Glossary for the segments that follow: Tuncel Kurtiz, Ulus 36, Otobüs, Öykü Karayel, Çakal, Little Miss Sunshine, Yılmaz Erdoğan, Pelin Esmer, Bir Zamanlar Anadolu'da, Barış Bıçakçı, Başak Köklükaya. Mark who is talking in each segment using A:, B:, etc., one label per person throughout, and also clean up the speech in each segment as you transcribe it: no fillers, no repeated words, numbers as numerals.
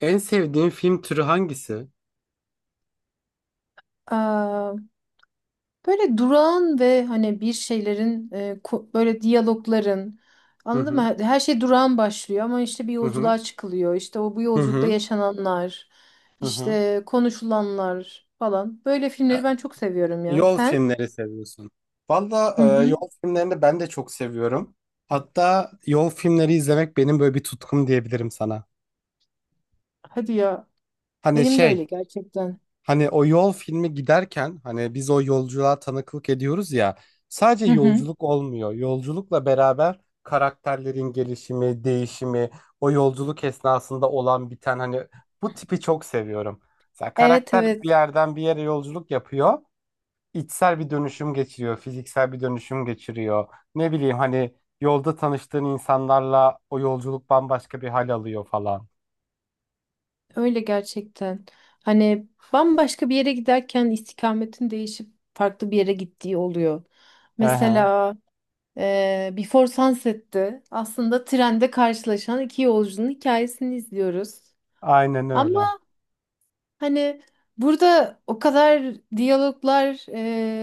A: En sevdiğin film türü hangisi?
B: Eee, böyle durağan ve hani bir şeylerin böyle diyalogların
A: Hı
B: anladın mı?
A: hı.
B: Her şey durağan başlıyor ama işte bir
A: Hı hı.
B: yolculuğa çıkılıyor. İşte o bu
A: Hı
B: yolculukta
A: hı.
B: yaşananlar,
A: Hı hı.
B: işte konuşulanlar falan. Böyle
A: E,
B: filmleri ben çok seviyorum ya.
A: Yol
B: Sen?
A: filmleri seviyorsun. Valla
B: Hı hı.
A: yol filmlerini ben de çok seviyorum. Hatta yol filmleri izlemek benim böyle bir tutkum diyebilirim sana.
B: Hadi ya.
A: Hani
B: Benim de öyle
A: şey.
B: gerçekten.
A: Hani o yol filmi giderken hani biz o yolculuğa tanıklık ediyoruz ya, sadece
B: Hı hı.
A: yolculuk olmuyor. Yolculukla beraber karakterlerin gelişimi, değişimi, o yolculuk esnasında olan biten hani bu tipi çok seviyorum. Mesela
B: Evet
A: karakter
B: evet.
A: bir yerden bir yere yolculuk yapıyor, içsel bir dönüşüm geçiriyor, fiziksel bir dönüşüm geçiriyor. Ne bileyim hani yolda tanıştığın insanlarla o yolculuk bambaşka bir hal alıyor falan.
B: Öyle gerçekten. Hani bambaşka bir yere giderken istikametin değişip farklı bir yere gittiği oluyor.
A: Hı hı.
B: Mesela Before Sunset'ti. Aslında trende karşılaşan iki yolcunun hikayesini izliyoruz.
A: Aynen öyle.
B: Ama hani burada o kadar diyaloglar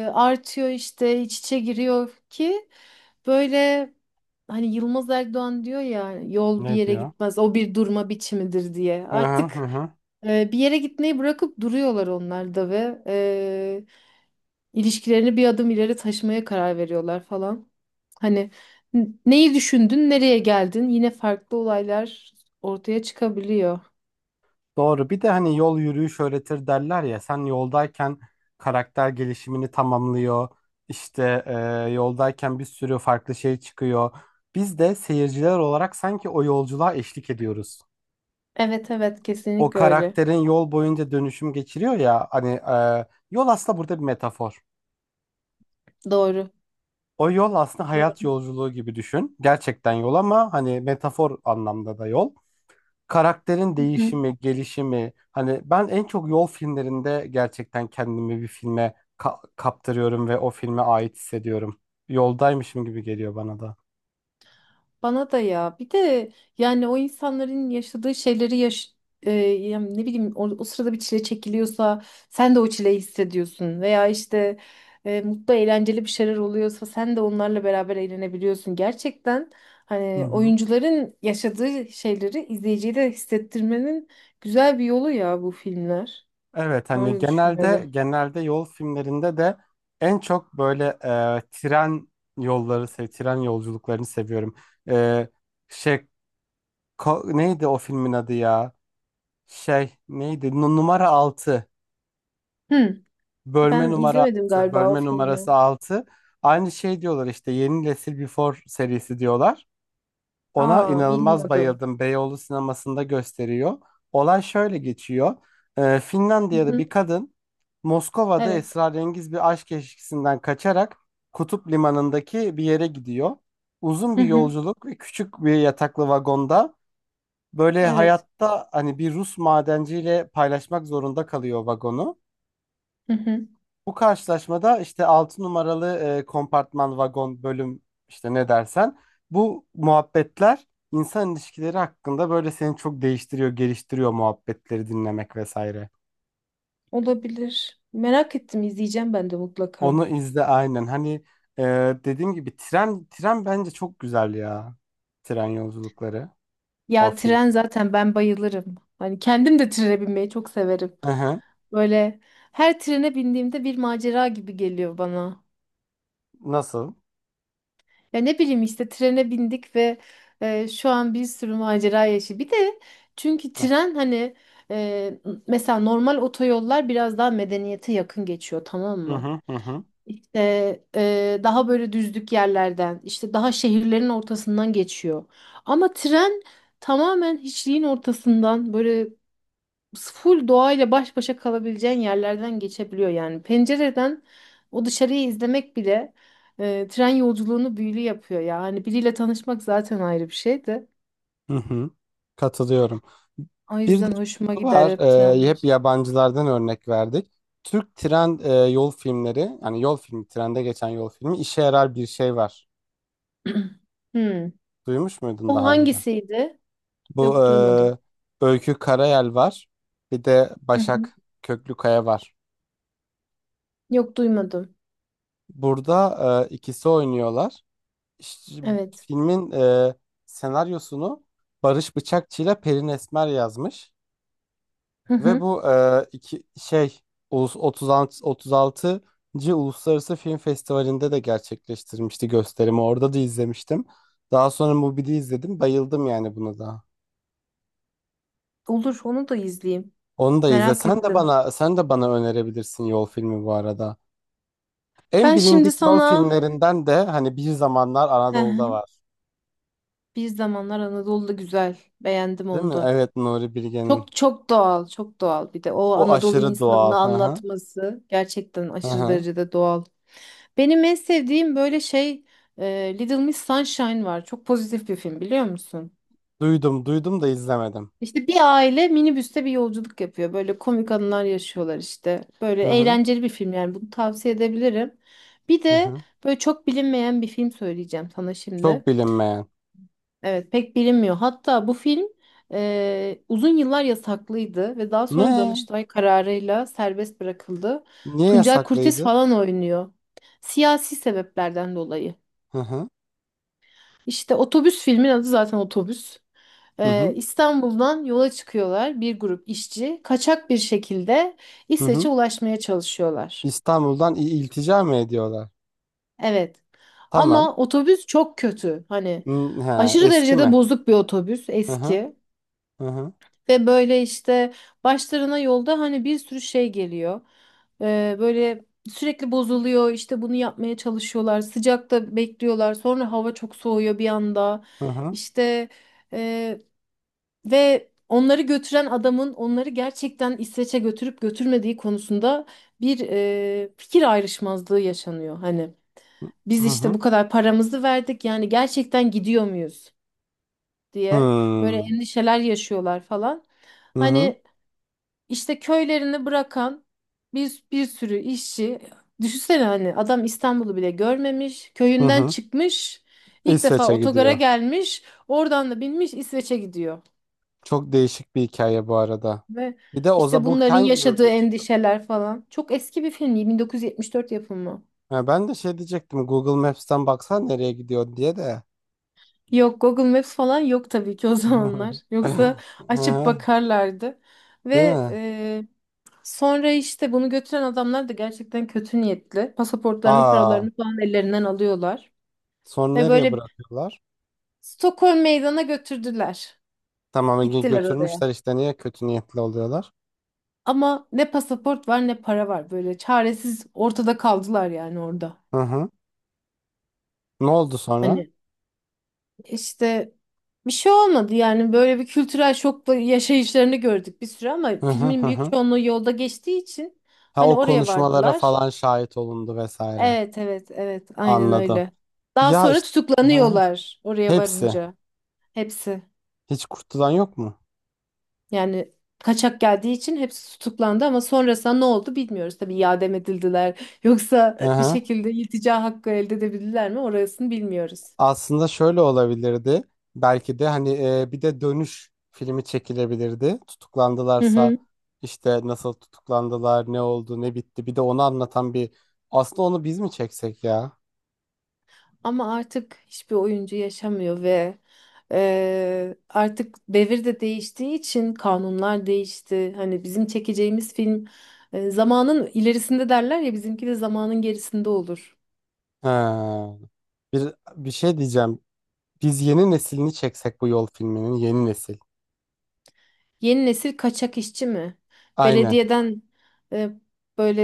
B: artıyor işte iç içe giriyor ki böyle hani Yılmaz Erdoğan diyor ya yol bir
A: Ne
B: yere
A: diyor?
B: gitmez o bir durma biçimidir diye.
A: Hı hı hı,
B: Artık
A: hı.
B: bir yere gitmeyi bırakıp duruyorlar onlar da ve İlişkilerini bir adım ileri taşımaya karar veriyorlar falan. Hani neyi düşündün, nereye geldin? Yine farklı olaylar ortaya çıkabiliyor.
A: Doğru. Bir de hani yol yürüyüş öğretir derler ya. Sen yoldayken karakter gelişimini tamamlıyor. İşte yoldayken bir sürü farklı şey çıkıyor. Biz de seyirciler olarak sanki o yolculuğa eşlik ediyoruz.
B: Evet evet
A: O
B: kesinlikle öyle.
A: karakterin yol boyunca dönüşüm geçiriyor ya. Hani yol aslında burada bir metafor.
B: Doğru.
A: O yol aslında
B: Doğru.
A: hayat yolculuğu gibi düşün. Gerçekten yol ama hani metafor anlamda da yol. Karakterin değişimi, gelişimi hani ben en çok yol filmlerinde gerçekten kendimi bir filme kaptırıyorum ve o filme ait hissediyorum. Yoldaymışım gibi geliyor bana da.
B: Bana da ya bir de yani o insanların yaşadığı şeyleri yani ne bileyim o sırada bir çile çekiliyorsa sen de o çileyi hissediyorsun veya işte mutlu eğlenceli bir şeyler oluyorsa sen de onlarla beraber eğlenebiliyorsun. Gerçekten
A: Hı
B: hani
A: hı.
B: oyuncuların yaşadığı şeyleri izleyiciye de hissettirmenin güzel bir yolu ya bu filmler.
A: Evet, hani
B: Öyle
A: genelde
B: düşünüyorum.
A: genelde yol filmlerinde de en çok böyle tren yolları, tren yolculuklarını seviyorum. E, şey, neydi o filmin adı ya? Şey neydi? Numara altı.
B: Hı,
A: Bölme
B: ben
A: numara
B: izlemedim
A: 6,
B: galiba o
A: bölme numarası
B: filmi.
A: 6. Aynı şey diyorlar işte, yeni nesil Before serisi diyorlar. Ona
B: Aa
A: inanılmaz
B: bilmiyordum.
A: bayıldım. Beyoğlu sinemasında gösteriyor. Olay şöyle geçiyor.
B: Hı
A: Finlandiya'da bir
B: hı,
A: kadın Moskova'da
B: evet.
A: esrarengiz bir aşk ilişkisinden kaçarak Kutup Limanı'ndaki bir yere gidiyor. Uzun
B: Hı
A: bir
B: hı,
A: yolculuk ve küçük bir yataklı vagonda böyle
B: evet.
A: hayatta hani bir Rus madenciyle paylaşmak zorunda kalıyor vagonu.
B: Hı hı.
A: Bu karşılaşmada işte 6 numaralı kompartman, vagon, bölüm, işte ne dersen, bu muhabbetler insan ilişkileri hakkında böyle seni çok değiştiriyor, geliştiriyor, muhabbetleri dinlemek vesaire.
B: Olabilir. Merak ettim izleyeceğim ben de mutlaka.
A: Onu izle aynen. Hani e, dediğim gibi tren bence çok güzel ya. Tren yolculukları. O
B: Ya
A: film.
B: tren zaten ben bayılırım. Hani kendim de trene binmeyi çok severim.
A: Hı hı.
B: Böyle her trene bindiğimde bir macera gibi geliyor bana.
A: Nasıl?
B: Ya ne bileyim işte trene bindik ve şu an bir sürü macera yaşı. Bir de çünkü
A: Hı
B: tren hani e, mesela normal otoyollar biraz daha medeniyete yakın geçiyor tamam
A: hı
B: mı?
A: hı, hı.
B: İşte daha böyle düzlük yerlerden, işte daha şehirlerin ortasından geçiyor. Ama tren tamamen hiçliğin ortasından böyle full doğayla baş başa kalabileceğin yerlerden geçebiliyor yani. Pencereden o dışarıyı izlemek bile tren yolculuğunu büyülü yapıyor ya. Hani biriyle tanışmak zaten ayrı bir şeydi.
A: Hı hı. Katılıyorum.
B: O
A: Bir de
B: yüzden hoşuma
A: şu
B: gider
A: var,
B: hep
A: hep
B: trenler.
A: yabancılardan örnek verdik. Türk tren yol filmleri, yani yol filmi, trende geçen yol filmi, işe yarar bir şey var.
B: Hmm.
A: Duymuş muydun
B: O
A: daha önce?
B: hangisiydi?
A: Bu
B: Yok duymadım.
A: Öykü Karayel var, bir de
B: Hı hı.
A: Başak Köklükaya var.
B: Yok duymadım.
A: Burada ikisi oynuyorlar. İşte
B: Evet.
A: filmin senaryosunu Barış Bıçakçı ile Pelin Esmer yazmış.
B: Hı
A: Ve
B: hı.
A: bu iki şey, Ulus 36. Uluslararası Film Festivali'nde de gerçekleştirmişti gösterimi. Orada da izlemiştim. Daha sonra Mubi'de izledim. Bayıldım yani buna da.
B: Olur, onu da izleyeyim.
A: Onu da izle.
B: Merak
A: Sen de
B: ettim.
A: bana sen de bana önerebilirsin yol filmi bu arada. En
B: Ben şimdi
A: bilindik yol
B: sana
A: filmlerinden de hani Bir Zamanlar
B: hı hı.
A: Anadolu'da var.
B: Bir Zamanlar Anadolu'da güzel. Beğendim
A: Değil
B: onu
A: mi?
B: da.
A: Evet, Nuri Bilge'nin.
B: Çok çok doğal, çok doğal. Bir de o
A: O
B: Anadolu
A: aşırı doğal.
B: insanını
A: Hı hı.
B: anlatması gerçekten
A: Hı
B: aşırı
A: hı.
B: derecede doğal. Benim en sevdiğim böyle Little Miss Sunshine var. Çok pozitif bir film biliyor musun?
A: Duydum, duydum da izlemedim.
B: İşte bir aile minibüste bir yolculuk yapıyor. Böyle komik anılar yaşıyorlar işte. Böyle
A: Hı hı.
B: eğlenceli bir film yani bunu tavsiye edebilirim. Bir
A: Hı
B: de
A: hı.
B: böyle çok bilinmeyen bir film söyleyeceğim sana şimdi.
A: Çok bilinmeyen.
B: Evet pek bilinmiyor. Hatta bu film uzun yıllar yasaklıydı ve daha sonra
A: Ne?
B: Danıştay kararıyla serbest bırakıldı.
A: Niye
B: Tuncel Kurtiz
A: yasaklıydı?
B: falan oynuyor. Siyasi sebeplerden dolayı.
A: Hı hı.
B: İşte otobüs filmin adı zaten otobüs.
A: Hı hı.
B: İstanbul'dan yola çıkıyorlar bir grup işçi. Kaçak bir şekilde
A: Hı
B: İsveç'e
A: hı.
B: ulaşmaya çalışıyorlar.
A: İstanbul'dan iltica mı ediyorlar?
B: Evet.
A: Tamam.
B: Ama otobüs çok kötü. Hani
A: Hı, ha,
B: aşırı
A: eski
B: derecede
A: mi?
B: bozuk bir otobüs
A: Hı hı.
B: eski.
A: Hı hı.
B: Ve böyle işte başlarına yolda hani bir sürü şey geliyor. Böyle sürekli bozuluyor. İşte bunu yapmaya çalışıyorlar. Sıcakta bekliyorlar. Sonra hava çok soğuyor bir anda.
A: Hı hı.
B: İşte... Ee, ve onları götüren adamın onları gerçekten İsveç'e götürüp götürmediği konusunda bir fikir ayrışmazlığı yaşanıyor. Hani biz
A: Hı
B: işte
A: hı.
B: bu kadar paramızı verdik yani gerçekten gidiyor muyuz diye böyle
A: Hmm.
B: endişeler yaşıyorlar falan.
A: Hı hı.
B: Hani işte köylerini bırakan bir sürü işçi düşünsene hani adam İstanbul'u bile görmemiş
A: Hı
B: köyünden
A: hı.
B: çıkmış ilk defa
A: İsveç'e
B: otogara
A: gidiyor.
B: gelmiş oradan da binmiş İsveç'e gidiyor.
A: Çok değişik bir hikaye bu arada.
B: Ve
A: Bir de
B: işte
A: Oza, bu
B: bunların
A: hangi yıl
B: yaşadığı
A: geçiyor?
B: endişeler falan. Çok eski bir film değil, 1974 yapımı.
A: Ha, ben de şey diyecektim. Google Maps'ten baksan nereye gidiyor diye de.
B: Yok Google Maps falan yok tabii ki o zamanlar.
A: Hı
B: Yoksa açıp
A: hı.
B: bakarlardı.
A: Değil
B: Ve
A: mi?
B: sonra işte bunu götüren adamlar da gerçekten kötü niyetli. Pasaportlarını,
A: Aa,
B: paralarını falan ellerinden alıyorlar.
A: sonra
B: Ve
A: nereye
B: böyle
A: bırakıyorlar?
B: Stockholm meydana götürdüler.
A: Tamam, Ege
B: Gittiler oraya.
A: götürmüşler işte, niye kötü niyetli oluyorlar?
B: Ama ne pasaport var ne para var. Böyle çaresiz ortada kaldılar yani orada.
A: Hı hı. Ne oldu sonra?
B: Hani İşte bir şey olmadı yani böyle bir kültürel şokla yaşayışlarını gördük bir süre ama
A: Hı hı
B: filmin
A: hı
B: büyük
A: hı.
B: çoğunluğu yolda geçtiği için
A: Ha,
B: hani
A: o
B: oraya
A: konuşmalara
B: vardılar.
A: falan şahit olundu vesaire.
B: Evet evet evet aynen
A: Anladım.
B: öyle. Daha
A: Ya
B: sonra
A: işte, hı hı.
B: tutuklanıyorlar oraya
A: Hepsi.
B: varınca hepsi.
A: Hiç kurtulan yok mu?
B: Yani kaçak geldiği için hepsi tutuklandı ama sonrasında ne oldu bilmiyoruz. Tabii iade mi edildiler yoksa
A: Hı
B: bir
A: hı.
B: şekilde iltica hakkı elde edebildiler mi orasını bilmiyoruz.
A: Aslında şöyle olabilirdi. Belki de hani bir de dönüş filmi çekilebilirdi.
B: Hı
A: Tutuklandılarsa
B: hı.
A: işte nasıl tutuklandılar, ne oldu, ne bitti. Bir de onu anlatan bir, aslında onu biz mi çeksek ya?
B: Ama artık hiçbir oyuncu yaşamıyor ve artık devir de değiştiği için kanunlar değişti. Hani bizim çekeceğimiz film zamanın ilerisinde derler ya bizimki de zamanın gerisinde olur.
A: He. Bir şey diyeceğim. Biz yeni neslini çeksek bu yol filminin, yeni nesil.
B: Yeni nesil kaçak işçi mi?
A: Aynen.
B: Belediyeden e, böyle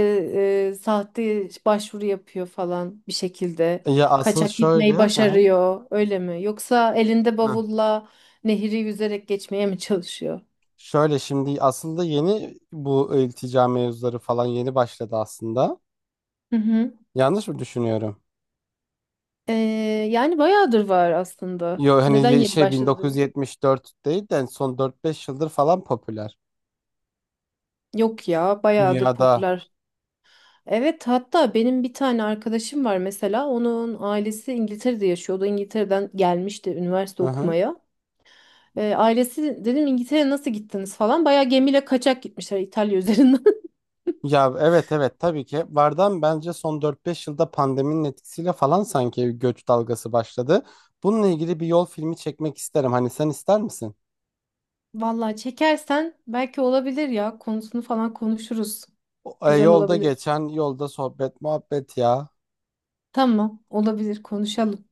B: sahte başvuru yapıyor falan bir şekilde.
A: Ya asıl
B: Kaçak
A: şöyle,
B: gitmeyi
A: hı hı,
B: başarıyor öyle mi? Yoksa elinde
A: hı.
B: bavulla nehri yüzerek geçmeye mi çalışıyor?
A: Şöyle şimdi, aslında yeni, bu iltica mevzuları falan yeni başladı aslında.
B: Hı hı.
A: Yanlış mı düşünüyorum?
B: Ee, yani bayağıdır var aslında.
A: Yo, hani
B: Neden yeni
A: şey,
B: başladı dedin?
A: 1974 değil de son 4-5 yıldır falan popüler
B: Yok ya, bayağıdır
A: dünyada.
B: popüler. Evet, hatta benim bir tane arkadaşım var mesela. Onun ailesi İngiltere'de yaşıyordu. İngiltere'den gelmişti üniversite
A: Hı hı.
B: okumaya. Ailesi dedim İngiltere'ye nasıl gittiniz falan. Bayağı gemiyle kaçak gitmişler İtalya üzerinden.
A: Ya evet evet tabii ki vardan, bence son 4-5 yılda pandeminin etkisiyle falan sanki göç dalgası başladı. Bununla ilgili bir yol filmi çekmek isterim. Hani sen ister misin?
B: Vallahi çekersen belki olabilir ya. Konusunu falan konuşuruz. Güzel
A: Yolda
B: olabilir.
A: geçen, yolda sohbet muhabbet ya.
B: Tamam, olabilir. Konuşalım.